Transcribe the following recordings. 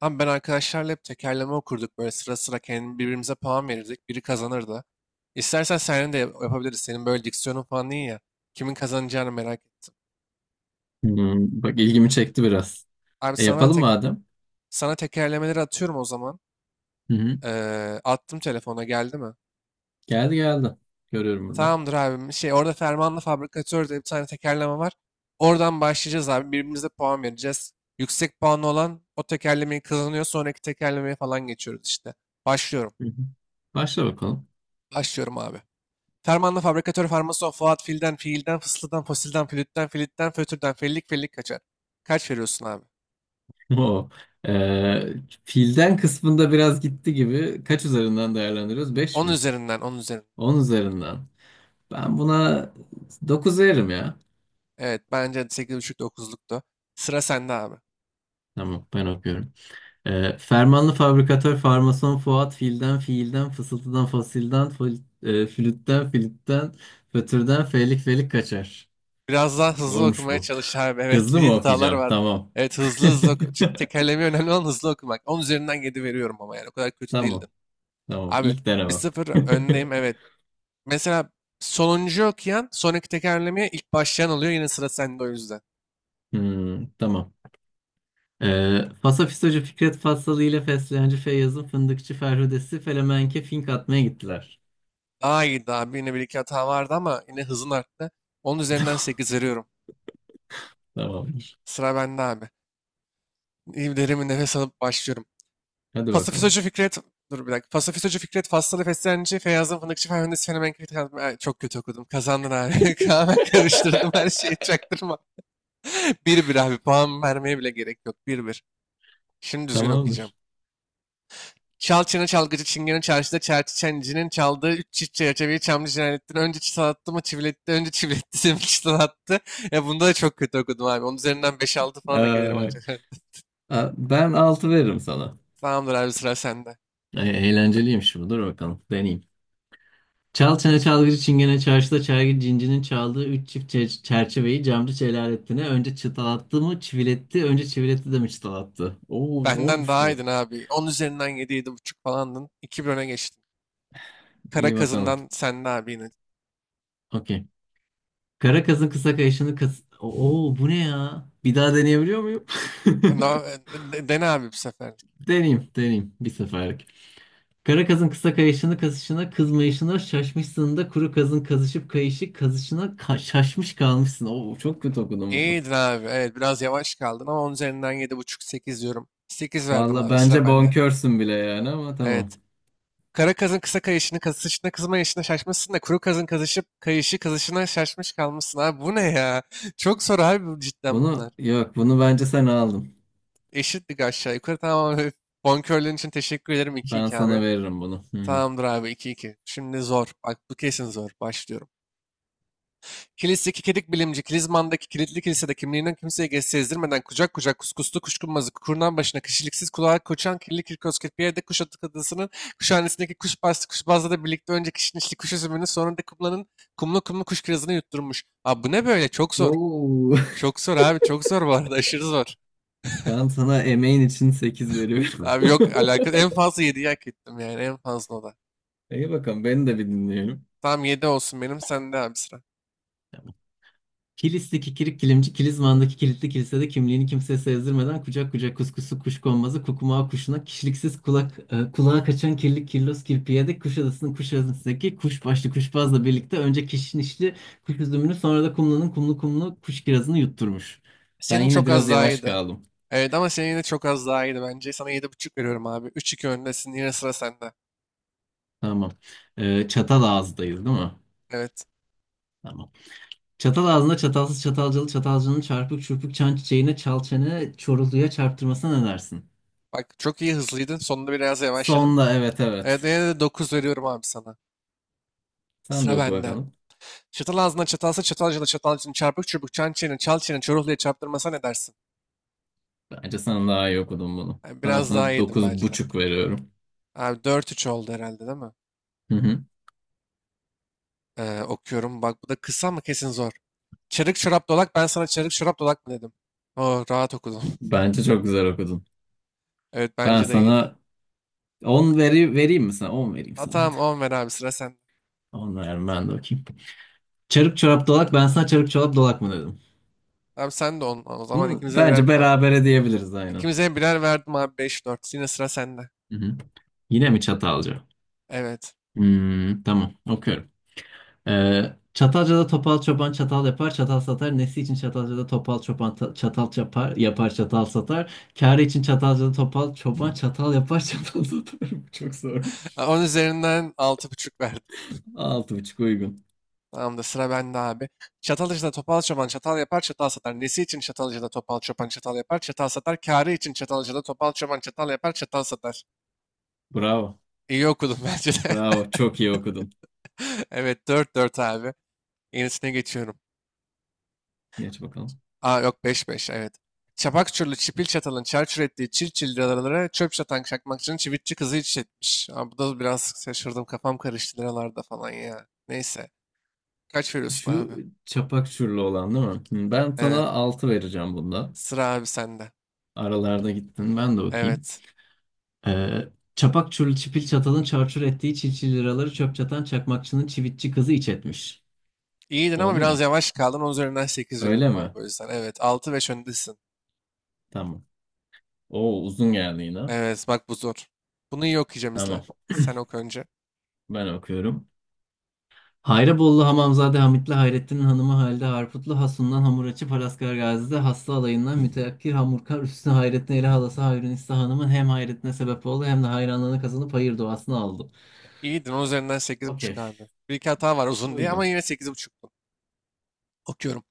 Abi ben arkadaşlarla hep tekerleme okurduk. Böyle sıra sıra kendi birbirimize puan verirdik. Biri kazanırdı. İstersen senin de yapabiliriz. Senin böyle diksiyonun falan iyi ya. Kimin kazanacağını merak ettim. Hmm, bak ilgimi çekti biraz. Abi E yapalım madem. sana tekerlemeleri atıyorum o zaman. Hı hı. Attım telefona geldi mi? Geldi geldi. Görüyorum burada. Tamamdır abim. Şey orada Fermanlı Fabrikatör diye bir tane tekerleme var. Oradan başlayacağız abi. Birbirimize puan vereceğiz. Yüksek puanlı olan o tekerlemeyi kazanıyor. Sonraki tekerlemeye falan geçiyoruz işte. Başlıyorum. Hı hı. Başla bakalım. Başlıyorum abi. Fermanlı fabrikatör farmason Fuat filden, fiilden, fısıldan, fosilden, flütten, flütten, fötürden, fellik, fellik kaçar. Kaç veriyorsun abi? Oo. Ee, filden kısmında biraz gitti gibi. Kaç üzerinden değerlendiriyoruz? 5 10 mi? üzerinden, on üzerinden. 10 üzerinden. Ben buna 9 veririm ya. Evet, bence 8.5-9'luktu. Sıra sende abi. Tamam ben okuyorum. Fermanlı fabrikatör farmason Fuat filden fiilden fısıltıdan fasilden flütten filitten fötürden felik felik kaçar. Biraz daha hızlı Zormuş okumaya bu. çalış abi. Evet, Hızlı bir mı hatalar okuyacağım? vardı. Tamam. Evet, hızlı hızlı oku. Çünkü tekerlemeyi önemli olan hızlı okumak. 10 üzerinden 7 veriyorum ama yani o kadar kötü değildim. Tamam. Tamam. Abi İlk bir denemem. sıfır öndeyim, evet. Mesela sonuncu okuyan sonraki tekerlemeye ilk başlayan oluyor. Yine sıra sende o yüzden. Hmm, tamam. Fasafisocu Fikret Fassalı ile Fesleğenci Feyyaz'ın Fındıkçı Ferhudesi Felemenke fink atmaya gittiler. Daha iyiydi abi. Yine bir iki hata vardı ama yine hızın arttı. Onun üzerinden 8 veriyorum. Tamamdır. Sıra bende abi. İyi, derin bir nefes alıp başlıyorum. Hadi Pasifist bakalım. Hoca Fikret... Dur bir dakika. Pasifist Hoca Fikret, Faslı Feslenci, Feyyazım Fındıkçı, Ferhandes Fenomen Kritik... Çok kötü okudum. Kazandın abi. Hemen karıştırdım her şeyi. Çaktırma. Bir bir abi. Puan vermeye bile gerek yok. Bir bir. Şimdi düzgün okuyacağım. Tamamdır. Çal çene çalgıcı çingene çarşıda çerçi çencinin çaldığı üç çift çerçeveyi çamlı cinayettin. Önce çıtalattı mı çiviletti, önce çiviletti sonra çıtalattı. Ya bunda da çok kötü okudum abi. Onun üzerinden beş altı falan hak ederim Ee, ancak. Ben altı veririm sana. Tamamdır abi, sıra sende. Eğlenceliymiş bu. Dur bakalım. Deneyeyim. Çal çene çalgıcı çingene çarşıda çergi cincinin çaldığı üç çift çerçeveyi camcı Celalettin'e önce çıtalattı mı çiviletti önce çiviletti de mi çıtalattı? Oo Benden zormuş daha bu. iyiydin abi. 10 üzerinden yedi, yedi buçuk falandın. 2-1 öne geçtin. Kara İyi bakalım. kazından sende abi yine. Okey. Kara kazın kısa kayışını kas... Oo bu ne ya? Bir daha deneyebiliyor muyum? No, dene abi bu sefer. Deneyeyim deneyeyim bir seferlik. Kara kazın kısa kayışını kasışına kızmayışına şaşmışsın da kuru kazın kazışıp kayışı kazışına şaşmış kalmışsın. Oo çok kötü okudum bunu. İyiydin abi. Evet, biraz yavaş kaldın ama 10 üzerinden yedi buçuk sekiz diyorum. Sekiz verdim Valla abi, sıra bence bende. bonkörsün bile yani ama tamam. Evet. Kara kazın kısa kayışını kazışına kızma yaşına şaşmışsın da kuru kazın kazışıp kayışı kazışına şaşmış kalmışsın abi. Bu ne ya? Çok zor abi bu, cidden Bunu bunlar. yok bunu bence sen aldın. Eşitlik aşağı yukarı, tamam abi. Bonkörlüğün için teşekkür ederim, Ben 2-2 sana abi. veririm bunu. Hı. Hı. Tamamdır abi, 2-2. Şimdi zor. Bak bu kesin zor. Başlıyorum. Kilis'teki kedik bilimci, Kilizman'daki kilitli kilisede kimliğinden kimseye sezdirmeden kucak kucak kuskuslu kuşkunmazı kurnan başına kişiliksiz kulağa koçan kirli kirkoz kirpiyede kuş atı adasının kuşhanesindeki kuş bastı kuşbazla da birlikte önce kişnişli kuş üzümünü sonra da kumlanın kumlu kumlu kuş kirazını yutturmuş. Abi bu ne böyle? Çok zor. Oo. Çok zor abi. Çok zor bu arada. Aşırı zor. Ben sana emeğin için 8 veriyorum. Abi yok alakası. En fazla 7'yi hak ettim yani. En fazla o da. İyi bakalım beni de bir dinleyelim. Tamam 7 olsun benim. Sen de abi sıra. Kilis'teki kikirik kilimci Kilizman'daki kilitli kilisede kimliğini kimseye sezdirmeden kucak kucak kuskusu kuş konmazı kukumağı kuşuna kişiliksiz kulağa kaçan kirli kirlos kirpiyede Kuşadası'ndaki kuş başlı kuşbazla birlikte önce kişnişli kuş üzümünü sonra da kumlanın kumlu kumlu kuş kirazını yutturmuş. Ben Senin yine çok biraz az daha yavaş iyiydi. kaldım. Evet ama senin yine çok az daha iyiydi bence. Sana yedi buçuk veriyorum abi. 3-2 öndesin. Yine sıra sende. Tamam. Çatal ağızdayız değil mi? Evet. Tamam. Çatal ağzında çatalsız çatalcılı çatalcının çarpık çırpık çan çiçeğine çal çene çoruluya çarptırmasına ne dersin? Bak çok iyi, hızlıydın. Sonunda biraz yavaşladın. Sonda evet Evet, evet. yine de 9 veriyorum abi sana. Sen de Sıra oku bende. bakalım. Çatal ağzına çatalsa çatalcına çatalcının çarpık çubuk çan çene çal çene çoruhluya çarptırmasa ne dersin? Bence sen daha iyi okudun bunu. Yani Ben biraz daha sana iyiydim dokuz bence de. buçuk veriyorum. Abi 4-3 oldu herhalde, değil mi? Hı hı. Okuyorum. Bak bu da kısa mı? Kesin zor. Çarık çorap dolak ben sana çarık çorap dolak mı dedim. Oo, rahat okudum. Bence çok güzel okudun. Evet, Ben bence de iyiydi. sana 10 vereyim mi sana? 10 vereyim Ha sana hadi. tamam, 10 ver abi, sıra sende. 10 veririm ben de okuyayım. Çarık çorap dolak ben sana çarık çorap dolak mı dedim? Abi sen de 10 o zaman, Bunu ikimize birer bence puan. berabere diyebiliriz aynen. İkimize birer verdim abi, 5-4. Yine sıra sende. Hı hı. Yine mi çatalca? Evet. Hmm, tamam okuyorum. Çatalca'da topal çoban çatal yapar, çatal satar. Nesi için Çatalca'da topal çoban çatal yapar, yapar çatal satar. Kârı için Çatalca'da topal çoban çatal yapar, çatal satar. Bu çok zormuş. 10 üzerinden altı buçuk verdim. 6,5 uygun. Tamam da sıra bende abi. Çatalcıda topal çoban çatal yapar çatal satar. Nesi için çatalcıda topal çoban çatal yapar çatal satar. Kârı için çatalcıda topal çoban çatal yapar çatal satar. Bravo. İyi okudum bence de. Bravo. Çok iyi okudun. Evet, 4-4 abi. Yenisine geçiyorum. Geç bakalım. Aa yok, beş beş, evet. Çapak Çurlu Çipil Çatal'ın çarçur ettiği çirçil liralara çöp çatan çakmakçının çivitçi kızı iç etmiş. Aa, bu da biraz şaşırdım, kafam karıştı liralarda falan ya. Neyse. Kaç veriyorsun abi? Şu çapak çürlü olan değil mi? Hı, ben Evet. sana 6 vereceğim bunda. Sıra abi sende. Aralarda gittin ben de okuyayım. Evet. Ee, çapak çürlü çipil çatalın çarçur ettiği çilçil liraları çöp çatan çakmakçının çivitçi kızı iç etmiş. İyiydin ama Oldu biraz mu? yavaş kaldın. Onun üzerinden 8 Öyle veriyorum mi? abi o yüzden. Evet. altı 5 öndesin. Tamam. O uzun geldi yine. Evet bak bu zor. Bunu iyi okuyacağım, izle. Tamam. Sen oku önce. Ben okuyorum. Hayrabollu Hamamzade Hamitli Hayrettin Hanımı Halide Harputlu Hasun'dan hamuracı açıp Gazi'de Hasta alayından müteakkir Hamurkar Üstüne Hayrettin Eli Halası Hayrünisa Hanım'ın hem hayretine sebep oldu hem de hayranlığını kazanıp hayır duasını aldı. İyiydin. Onun üzerinden sekiz buçuk Okey. abi. Bir iki hata var uzun diye ama Uygun. yine 8,5'tun. Okuyorum.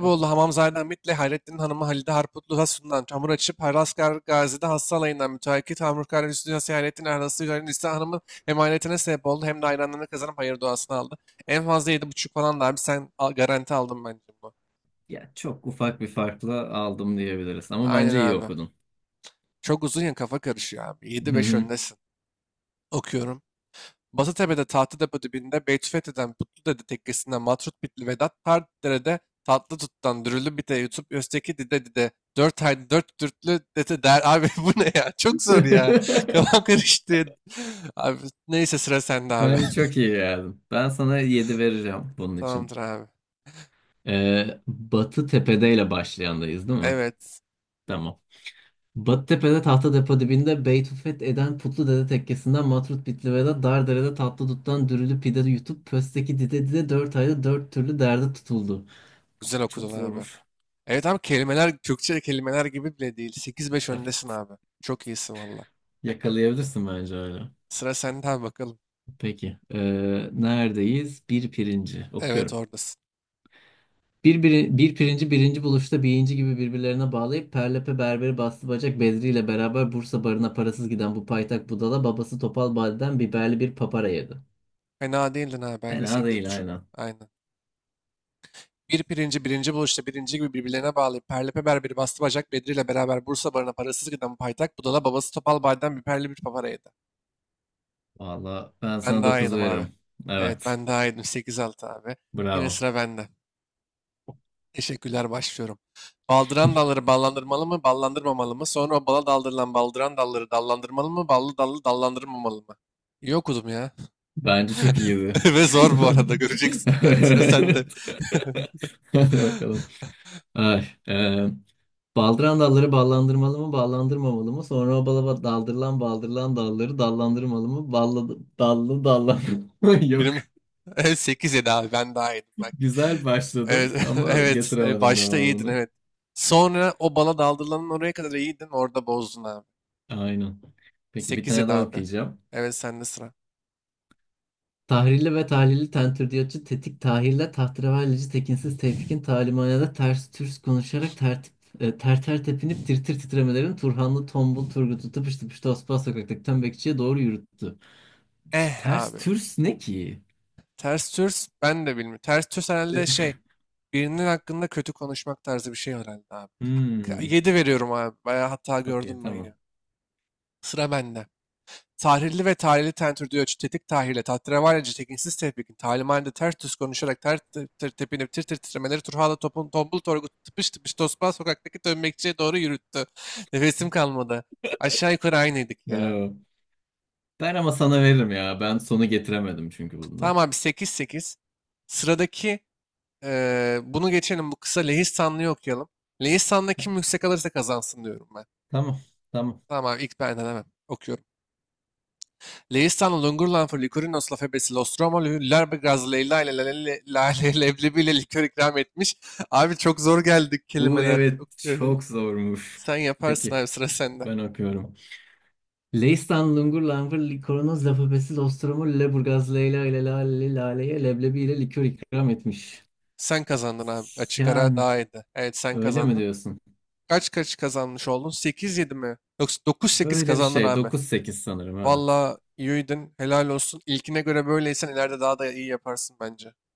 Okey. Hamamzade Hamit'le Hayrettin Hanım'ı Halide Harputlu Hasun'dan çamur açıp Haraskar Gazi'de Hassal Alayı'ndan müteakit Hamurkar Hüsnü Yasih Hayrettin Erhası Hüseyin Nisa Hanım'ın hem hayretine sebep oldu hem de hayranlarını kazanıp hayır duasını aldı. En fazla yedi buçuk falan da abi, sen garanti aldın bence bunu. Ya çok ufak bir farkla aldım diyebiliriz ama Aynen bence iyi abi. okudun. Çok uzun ya, kafa karışıyor abi. yedi Hı beş hı. öndesin. Okuyorum. Basıtepe'de Tahtadepo dibinde Beytüfethi'den Patludede tekkesinden Matrut Bitli Vedat, Tardere'de Tatlı Tut'tan Dürülü Bite yutup Özteki Dide Dide, Dört Haydi Dört Dürtlü Dede der. Abi bu ne ya? Çok zor ya. Kafam karıştı. Abi neyse, sıra sende abi. Bence çok iyi geldim. Ben sana 7 vereceğim bunun için. Tamamdır abi. Batı Tepe'deyle başlayandayız değil mi? Evet. Tamam. Batıtepe'de tahta depo dibinde Beytufet eden Putlu Dede tekkesinden Matrut Bitlive'de Dardere'de tatlı duttan dürülü pide yutup pösteki dide dide 4 ayda 4 türlü derde tutuldu. Güzel Çok okudun abi. zormuş. Evet abi, kelimeler Türkçe kelimeler gibi bile değil. 8-5 öndesin abi. Çok iyisin valla. Yakalayabilirsin bence hala. Sıra sende abi bakalım. Peki. Neredeyiz? Bir pirinci. Evet, Okuyorum. oradasın. Bir pirinci birinci buluşta birinci gibi birbirlerine bağlayıp Perlepe Berberi Bastı Bacak Bedri ile beraber Bursa barına parasız giden bu paytak budala babası Topal Badi'den biberli bir papara yedi. Fena değildin abi. Bence Fena sekiz değil buçuk. aynen. Aynen. Bir pirinci birinci buluşta birinci gibi birbirlerine bağlayıp perlepeber bir bastı bacak Bedri ile beraber Bursa barına parasız giden paytak budala babası Topal Bay'dan bir perli bir papara yedi. Valla ben Ben sana daha 9 yedim abi. veririm. Evet, Evet. ben daha yedim, 8-6 abi. Yine Bravo. sıra bende. Teşekkürler, başlıyorum. Baldıran dalları ballandırmalı mı ballandırmamalı mı? Sonra o bala daldırılan baldıran dalları dallandırmalı mı ballı dallı dallandırmamalı mı? İyi okudum ya. Bence çok iyiydi. Ve zor bu arada, göreceksin. Evet, sıra sende. Evet. Hadi bakalım. Ay, baldıran dalları ballandırmalı mı, ballandırmamalı mı? Sonra o bala daldırılan baldırılan dalları dallandırmalı mı? Ballı dallı dallandırmalı mı? Yok. Benim, evet, 8 7 abi, ben daha yedim bak. Güzel Evet, başladım ama evet. Getiremedim Başta iyiydin, devamını. evet. Sonra o bala daldırılanın oraya kadar iyiydin, orada bozdun abi. Aynen. Peki bir 8 tane 7 daha abi. okuyacağım. Evet, sende sıra. Tahrilli ve tahlilli tentürdiyatçı Tetik Tahir'le tahterevallici Tekinsiz Tevfik'in talimanede ters türs konuşarak tertip, ter ter tepinip tir tir titremelerin Turhanlı Tombul Turgut'u tıpış tıpış Tosbağ sokaktaki tembekçiye doğru yürüttü. Eh Ters abi. türs ne ki? Ters Türs ben de bilmiyorum. Ters Türs E, herhalde şey, birinin hakkında kötü konuşmak tarzı bir şey herhalde abi. Hmm. 7 veriyorum abi. Bayağı hata Okey gördüm ben tamam. ya. Sıra bende. Tahrirli ve tahrili tentürdüğü ölçü, tetik tahrirle, tahterevallice, tekinsiz tevfikin, talimhanede ters düz konuşarak, ter tır tır tepinip, tir tir titremeleri, Turhala topun, tombul torgu, tıpış tıpış tosbağ sokaktaki dönmekçiye doğru yürüttü. Nefesim kalmadı. Aşağı yukarı aynıydık ya. Bravo. Ben ama sana veririm ya. Ben sonu getiremedim çünkü Tamam bunda. abi, 8-8. Sıradaki bunu geçelim. Bu kısa Lehistanlı'yı okuyalım. Lehistan'da kim yüksek alırsa kazansın diyorum ben. Tamam. Tamam. Tamam abi, ilk ben hemen okuyorum. Leistan Lungurlan Licorinos Lafebesi Nostromo Lüller Gaz Leyla ile Lale- Lale leblebiyle likör ikram etmiş. Abi çok zor geldik Bu kelimeler. evet Yok, çok zormuş. Sen yaparsın Peki. abi, sıra sende. Ben okuyorum. Leistan lungur langur likoronoz lafabesiz ostromur leburgaz leyla ile lale laleye leblebi ile likör ikram etmiş. Sen kazandın abi. Açık ara Yani daha iyiydi. Evet sen öyle mi kazandın. diyorsun? Kaç kaç kazanmış oldun? 8-7 mi? Yoksa 9-8 Öyle bir kazandın şey. abi. 9-8 sanırım evet. Valla iyiydin. Helal olsun. İlkine göre böyleysen ileride daha da iyi yaparsın bence.